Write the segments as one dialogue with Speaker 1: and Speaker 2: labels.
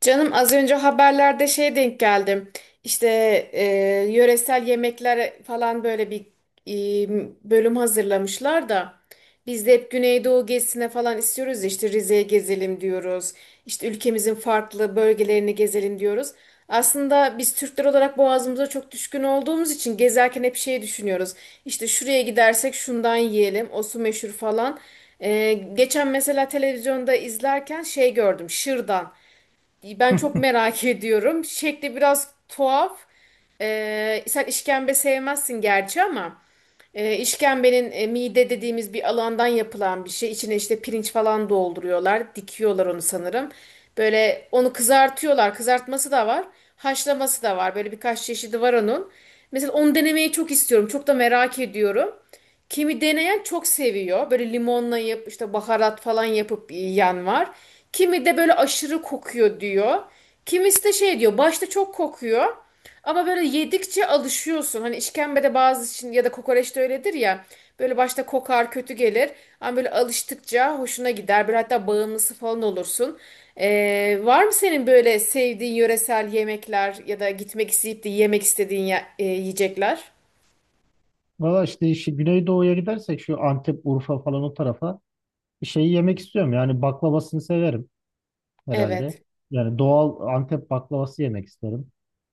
Speaker 1: Canım az önce haberlerde şey denk geldim. İşte e, yöresel yemekler falan böyle bir bölüm hazırlamışlar da biz de hep Güneydoğu gezisine falan istiyoruz ya, işte Rize'ye gezelim diyoruz. İşte ülkemizin farklı bölgelerini gezelim diyoruz. Aslında biz Türkler olarak boğazımıza çok düşkün olduğumuz için gezerken hep şey düşünüyoruz. İşte şuraya gidersek şundan yiyelim, o su meşhur falan. E, geçen mesela televizyonda izlerken şey gördüm, şırdan. Ben çok merak ediyorum. Şekli biraz tuhaf. Sen işkembe sevmezsin gerçi ama işkembenin mide dediğimiz bir alandan yapılan bir şey. İçine işte pirinç falan dolduruyorlar. Dikiyorlar onu sanırım. Böyle onu kızartıyorlar. Kızartması da var. Haşlaması da var. Böyle birkaç çeşidi var onun. Mesela onu denemeyi çok istiyorum. Çok da merak ediyorum. Kimi deneyen çok seviyor. Böyle limonla yap işte baharat falan yapıp yiyen var. Kimi de böyle aşırı kokuyor diyor. Kimisi de şey diyor başta çok kokuyor. Ama böyle yedikçe alışıyorsun. Hani işkembede bazı için ya da kokoreç de öyledir ya. Böyle başta kokar kötü gelir. Ama böyle alıştıkça hoşuna gider. Böyle hatta bağımlısı falan olursun. Var mı senin böyle sevdiğin yöresel yemekler ya da gitmek isteyip de yemek istediğin yiyecekler?
Speaker 2: Valla işte Güneydoğu'ya gidersek şu Antep, Urfa falan o tarafa şeyi yemek istiyorum. Yani baklavasını severim herhalde.
Speaker 1: Evet.
Speaker 2: Yani doğal Antep baklavası yemek isterim.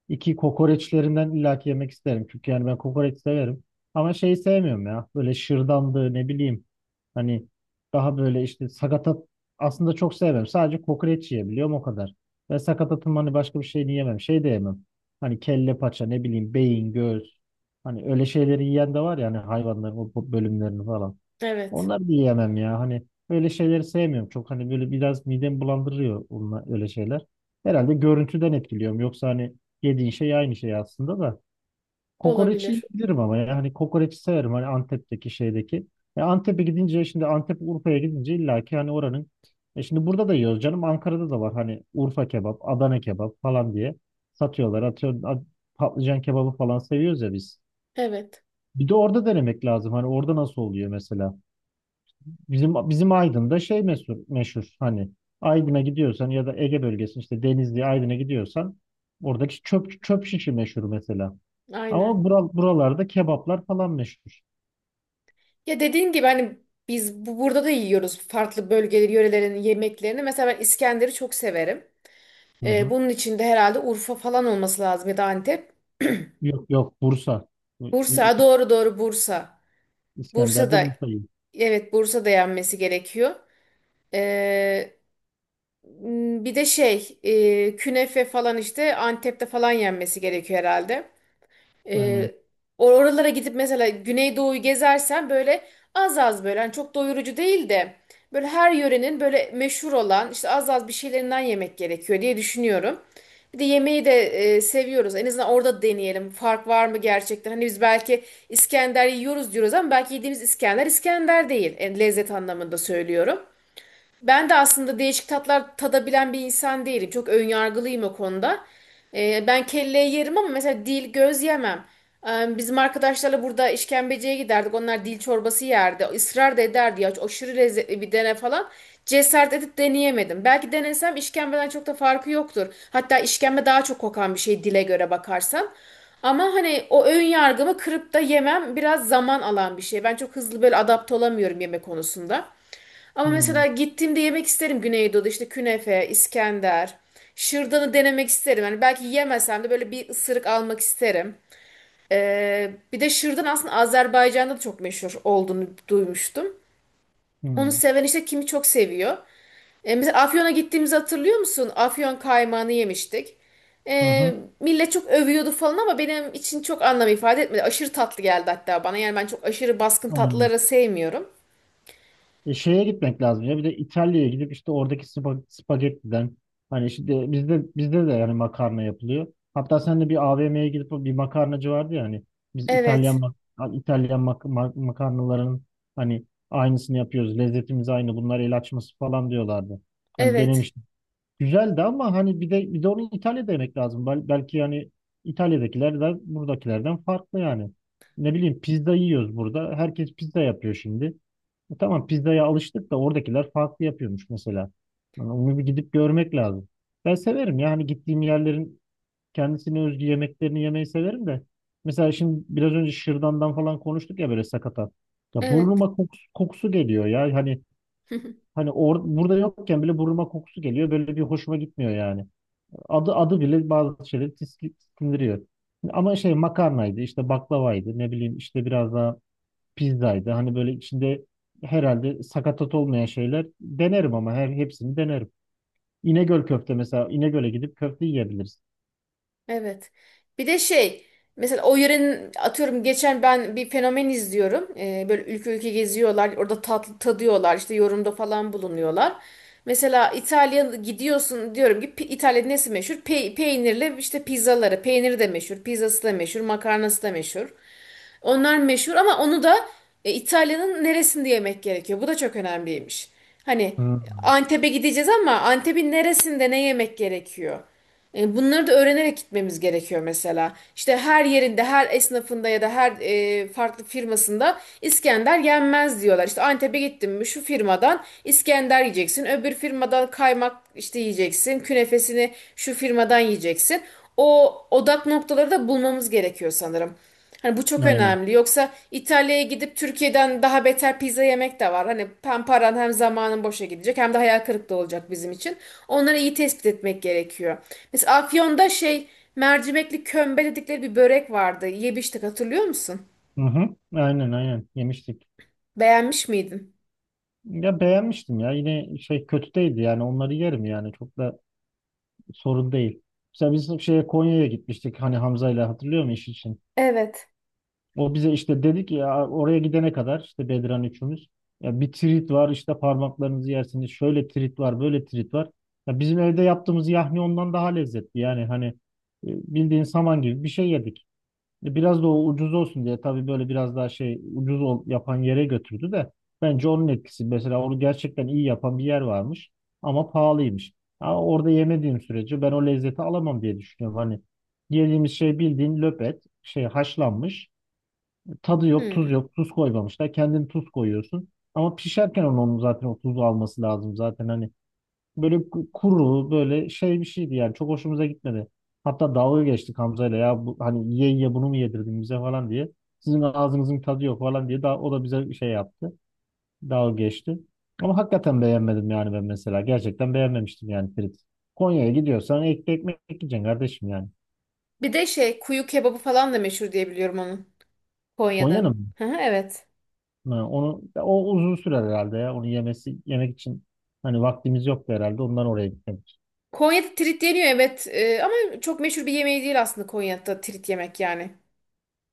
Speaker 2: İki kokoreçlerinden illaki yemek isterim. Çünkü yani ben kokoreç severim. Ama şeyi sevmiyorum ya. Böyle şırdandı ne bileyim. Hani daha böyle işte sakatat aslında çok sevmem. Sadece kokoreç yiyebiliyorum o kadar. Ve sakatatın hani başka bir şeyini yemem. Şey de yemem. Hani kelle paça ne bileyim beyin, göğüs. Hani öyle şeyleri yiyen de var ya hani hayvanların bölümlerini falan.
Speaker 1: Evet.
Speaker 2: Onları da yiyemem ya. Hani öyle şeyleri sevmiyorum. Çok hani böyle biraz midemi bulandırıyor onlar, öyle şeyler. Herhalde görüntüden etkiliyorum. Yoksa hani yediğin şey aynı şey aslında da. Kokoreçi
Speaker 1: Olabilir.
Speaker 2: yiyebilirim ama yani hani kokoreçi severim hani Antep'teki şeydeki. E Antep'e gidince şimdi Antep Urfa'ya gidince illa ki hani oranın e şimdi burada da yiyoruz canım Ankara'da da var hani Urfa kebap, Adana kebap falan diye satıyorlar. Patlıcan kebabı falan seviyoruz ya biz.
Speaker 1: Evet,
Speaker 2: Bir de orada denemek lazım. Hani orada nasıl oluyor mesela? Bizim Aydın'da şey meşhur, meşhur hani Aydın'a gidiyorsan ya da Ege bölgesi işte Denizli Aydın'a gidiyorsan oradaki çöp şişi meşhur mesela. Ama
Speaker 1: aynen.
Speaker 2: buralarda kebaplar falan meşhur.
Speaker 1: Ya dediğin gibi hani biz burada da yiyoruz farklı bölgeleri, yörelerin yemeklerini. Mesela ben İskender'i çok severim.
Speaker 2: Hı hı.
Speaker 1: Bunun içinde herhalde Urfa falan olması lazım ya da Antep.
Speaker 2: Yok yok Bursa. İ- İ-
Speaker 1: Bursa, doğru Bursa.
Speaker 2: İskender'de
Speaker 1: Bursa'da,
Speaker 2: Bursa'yım.
Speaker 1: evet Bursa'da yenmesi gerekiyor. Ee, Bir de şey, künefe falan işte Antep'te falan yenmesi gerekiyor herhalde. Ee,
Speaker 2: Aynen.
Speaker 1: Oralara gidip mesela Güneydoğu'yu gezersen böyle az az böyle hani çok doyurucu değil de böyle her yörenin böyle meşhur olan işte az az bir şeylerinden yemek gerekiyor diye düşünüyorum. Bir de yemeği de seviyoruz. En azından orada deneyelim. Fark var mı gerçekten? Hani biz belki İskender yiyoruz diyoruz ama belki yediğimiz İskender İskender değil. Yani lezzet anlamında söylüyorum. Ben de aslında değişik tatlar tadabilen bir insan değilim. Çok önyargılıyım o konuda. Ben kelleyi yerim ama mesela dil, göz yemem. Bizim arkadaşlarla burada işkembeciye giderdik. Onlar dil çorbası yerdi. Israr da ederdi ya aşırı lezzetli bir dene falan. Cesaret edip deneyemedim. Belki denesem işkembeden çok da farkı yoktur. Hatta işkembe daha çok kokan bir şey dile göre bakarsan. Ama hani o ön yargımı kırıp da yemem biraz zaman alan bir şey. Ben çok hızlı böyle adapte olamıyorum yemek konusunda. Ama
Speaker 2: Hı
Speaker 1: mesela
Speaker 2: hı.
Speaker 1: gittiğimde yemek isterim Güneydoğu'da işte künefe, İskender. Şırdanı denemek isterim. Yani belki yemesem de böyle bir ısırık almak isterim. Bir de şırdan aslında Azerbaycan'da da çok meşhur olduğunu duymuştum. Onu seven işte kimi çok seviyor. Mesela Afyon'a gittiğimizi hatırlıyor musun? Afyon kaymağını yemiştik.
Speaker 2: Hı hı.
Speaker 1: Ee, Millet çok övüyordu falan ama benim için çok anlam ifade etmedi. Aşırı tatlı geldi hatta bana. Yani ben çok aşırı baskın
Speaker 2: Aynen.
Speaker 1: tatlıları sevmiyorum.
Speaker 2: E, şeye gitmek lazım ya. Bir de İtalya'ya gidip işte oradaki spagettiden hani işte bizde de yani makarna yapılıyor. Hatta sen de bir AVM'ye gidip o bir makarnacı vardı ya hani biz
Speaker 1: Evet,
Speaker 2: makarnaların hani aynısını yapıyoruz. Lezzetimiz aynı. Bunlar el açması falan diyorlardı. Hani
Speaker 1: evet,
Speaker 2: denemiştim. Güzeldi ama hani bir de onu İtalya'da yemek lazım. Belki yani İtalya'dakiler de buradakilerden farklı yani. Ne bileyim pizza yiyoruz burada. Herkes pizza yapıyor şimdi. E tamam pizzaya alıştık da oradakiler farklı yapıyormuş mesela. Yani onu bir gidip görmek lazım. Ben severim yani gittiğim yerlerin kendisine özgü yemeklerini yemeyi severim de. Mesela şimdi biraz önce şırdandan falan konuştuk ya böyle sakatat. Ya
Speaker 1: evet.
Speaker 2: burnuma kokusu geliyor ya hani hani burada yokken bile burnuma kokusu geliyor böyle bir hoşuma gitmiyor yani. Adı bile bazı şeyleri tiksindiriyor. Ama şey makarnaydı işte baklavaydı ne bileyim işte biraz daha pizzaydı. Hani böyle içinde herhalde sakatat olmayan şeyler denerim ama her hepsini denerim. İnegöl köfte mesela İnegöl'e gidip köfte yiyebiliriz.
Speaker 1: Evet. Bir de şey mesela o yörenin atıyorum geçen ben bir fenomen izliyorum. Böyle ülke ülke geziyorlar. Orada tatlı tadıyorlar. İşte yorumda falan bulunuyorlar. Mesela İtalya'ya gidiyorsun diyorum ki "Pi- İtalya'da nesi meşhur? Pe- peynirli işte pizzaları. Peyniri de meşhur. Pizzası da meşhur. Makarnası da meşhur. Onlar meşhur ama onu da İtalya'nın neresinde yemek gerekiyor? Bu da çok önemliymiş. Hani
Speaker 2: Hı.
Speaker 1: Antep'e gideceğiz ama Antep'in neresinde ne yemek gerekiyor? E, bunları da öğrenerek gitmemiz gerekiyor mesela. İşte her yerinde, her esnafında ya da her farklı firmasında İskender yenmez diyorlar. İşte Antep'e gittin mi şu firmadan İskender yiyeceksin. Öbür firmadan kaymak işte yiyeceksin. Künefesini şu firmadan yiyeceksin. O odak noktaları da bulmamız gerekiyor sanırım. Hani bu çok
Speaker 2: Aynen.
Speaker 1: önemli. Yoksa İtalya'ya gidip Türkiye'den daha beter pizza yemek de var. Hani hem paran hem zamanın boşa gidecek hem de hayal kırıklığı olacak bizim için. Onları iyi tespit etmek gerekiyor. Mesela Afyon'da şey mercimekli kömbe dedikleri bir börek vardı. Yemiştik hatırlıyor musun?
Speaker 2: Hı hı. Aynen, aynen yemiştik.
Speaker 1: Beğenmiş miydin?
Speaker 2: Ya beğenmiştim ya yine şey kötü değildi yani onları yerim yani çok da sorun değil. Mesela biz şeye Konya'ya gitmiştik hani Hamza ile hatırlıyor musun iş için?
Speaker 1: Evet.
Speaker 2: O bize işte dedik ya oraya gidene kadar işte Bedran üçümüz. Ya bir trit var işte parmaklarınızı yersiniz. Şöyle trit var, böyle trit var. Ya bizim evde yaptığımız yahni ondan daha lezzetli. Yani hani bildiğin saman gibi bir şey yedik. Biraz da o ucuz olsun diye tabii böyle biraz daha şey yapan yere götürdü de bence onun etkisi. Mesela onu gerçekten iyi yapan bir yer varmış ama pahalıymış. Ha, orada yemediğim sürece ben o lezzeti alamam diye düşünüyorum. Hani yediğimiz şey bildiğin löpet, şey haşlanmış tadı yok, tuz
Speaker 1: Hmm.
Speaker 2: yok. Tuz koymamışlar. Kendin tuz koyuyorsun. Ama pişerken onun zaten o tuzu alması lazım zaten hani. Böyle kuru, böyle şey bir şeydi yani. Çok hoşumuza gitmedi. Hatta dalga geçtik Hamza'yla ya bu, hani ye bunu mu yedirdin bize falan diye. Sizin ağzınızın tadı yok falan diye daha, o da bize şey yaptı. Dalga geçti. Ama hakikaten beğenmedim yani ben mesela. Gerçekten beğenmemiştim yani Ferit. Konya'ya gidiyorsan ekmek yiyeceksin kardeşim yani.
Speaker 1: Bir de şey kuyu kebabı falan da meşhur diye biliyorum onun.
Speaker 2: Konya'nın
Speaker 1: Konya'nın.
Speaker 2: mı?
Speaker 1: Hı hı, evet.
Speaker 2: Ha, onu o uzun sürer herhalde ya. Onu yemek için hani vaktimiz yoktu herhalde. Ondan oraya gitmedik.
Speaker 1: Konya'da trit yeniyor, evet. Ama çok meşhur bir yemeği değil aslında Konya'da trit yemek yani.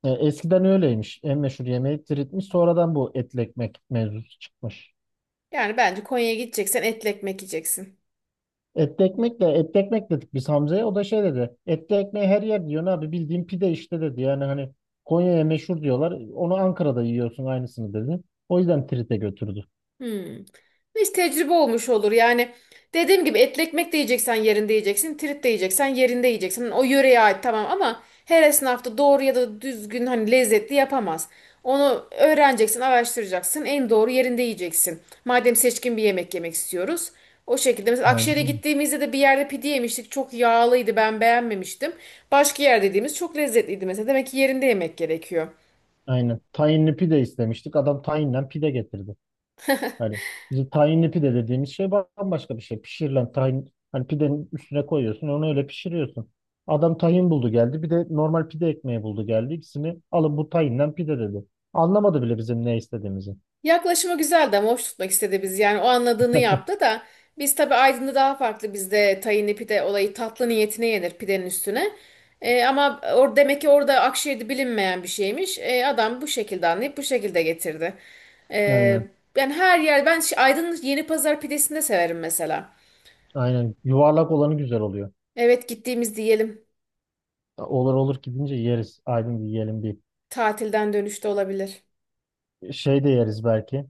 Speaker 2: E, eskiden öyleymiş. En meşhur yemeği tiritmiş. Sonradan bu etli ekmek mevzusu çıkmış.
Speaker 1: Yani bence Konya'ya gideceksen etli ekmek yiyeceksin.
Speaker 2: Etli ekmek dedik biz Hamza'ya. O da şey dedi. Etli ekmeği her yer diyor abi bildiğin pide işte dedi. Yani hani Konya'ya meşhur diyorlar. Onu Ankara'da yiyorsun aynısını dedi. O yüzden trite götürdü.
Speaker 1: Hmm. Hiç tecrübe olmuş olur. Yani dediğim gibi etli ekmek de yiyeceksen yerinde yiyeceksin. Trit de yiyeceksen yerinde yiyeceksin. Hani o yöreye ait tamam ama her esnaf da doğru ya da düzgün hani lezzetli yapamaz. Onu öğreneceksin, araştıracaksın. En doğru yerinde yiyeceksin. Madem seçkin bir yemek yemek istiyoruz. O şekilde mesela Akşehir'e
Speaker 2: Aynen.
Speaker 1: gittiğimizde de bir yerde pide yemiştik. Çok yağlıydı, ben beğenmemiştim. Başka yer dediğimiz çok lezzetliydi mesela. Demek ki yerinde yemek gerekiyor.
Speaker 2: Aynen. Tayinli pide istemiştik. Adam tayinden pide getirdi. Yani bizim tahinli pide dediğimiz şey bambaşka bir şey. Pişirilen tahin hani pidenin üstüne koyuyorsun onu öyle pişiriyorsun. Adam tahin buldu geldi bir de normal pide ekmeği buldu geldi. İkisini alın bu tahinden pide dedi. Anlamadı bile bizim ne istediğimizi.
Speaker 1: Yaklaşımı güzeldi ama hoş tutmak istedi biz. Yani o anladığını yaptı da biz tabii Aydın'da daha farklı. Bizde tahinli pide olayı tatlı niyetine yenir pidenin üstüne. Ama or demek ki orada Akşehir'de bilinmeyen bir şeymiş. Adam bu şekilde anlayıp bu şekilde getirdi. Ee,
Speaker 2: Aynen,
Speaker 1: Yani her yer ben şi- Aydın'ın Yeni Pazar pidesini de severim mesela.
Speaker 2: aynen yuvarlak olanı güzel oluyor.
Speaker 1: Evet, gittiğimiz diyelim.
Speaker 2: Olur gidince yeriz. Aydın bir yiyelim bir
Speaker 1: Tatilden dönüşte olabilir.
Speaker 2: şey de yeriz belki.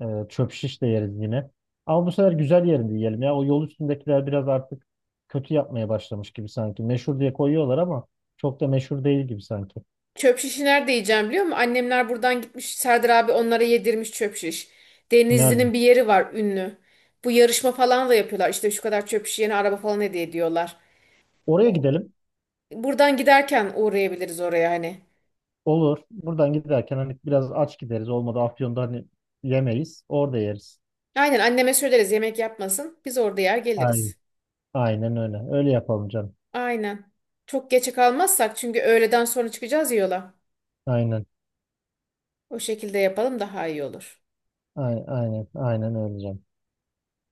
Speaker 2: Çöp şiş de yeriz yine. Ama bu sefer güzel yerinde yiyelim ya. O yol üstündekiler biraz artık kötü yapmaya başlamış gibi sanki. Meşhur diye koyuyorlar ama çok da meşhur değil gibi sanki.
Speaker 1: Çöp şişi nerede yiyeceğim biliyor musun? Annemler buradan gitmiş. Serdar abi onlara yedirmiş çöp şiş.
Speaker 2: Nerede?
Speaker 1: Denizli'nin bir yeri var ünlü. Bu yarışma falan da yapıyorlar. İşte şu kadar çöp şiş, yeni araba falan hediye ediyorlar.
Speaker 2: Oraya
Speaker 1: O-
Speaker 2: gidelim.
Speaker 1: Buradan giderken uğrayabiliriz oraya hani.
Speaker 2: Olur. Buradan giderken hani biraz aç gideriz. Olmadı Afyon'da hani yemeyiz. Orada yeriz.
Speaker 1: Aynen, anneme söyleriz yemek yapmasın. Biz orada yer
Speaker 2: Aynen.
Speaker 1: geliriz.
Speaker 2: Aynen öyle. Öyle yapalım canım.
Speaker 1: Aynen. Çok geçe kalmazsak, çünkü öğleden sonra çıkacağız ya yola.
Speaker 2: Aynen.
Speaker 1: O şekilde yapalım daha iyi olur.
Speaker 2: Aynen. Aynen, aynen öyle canım.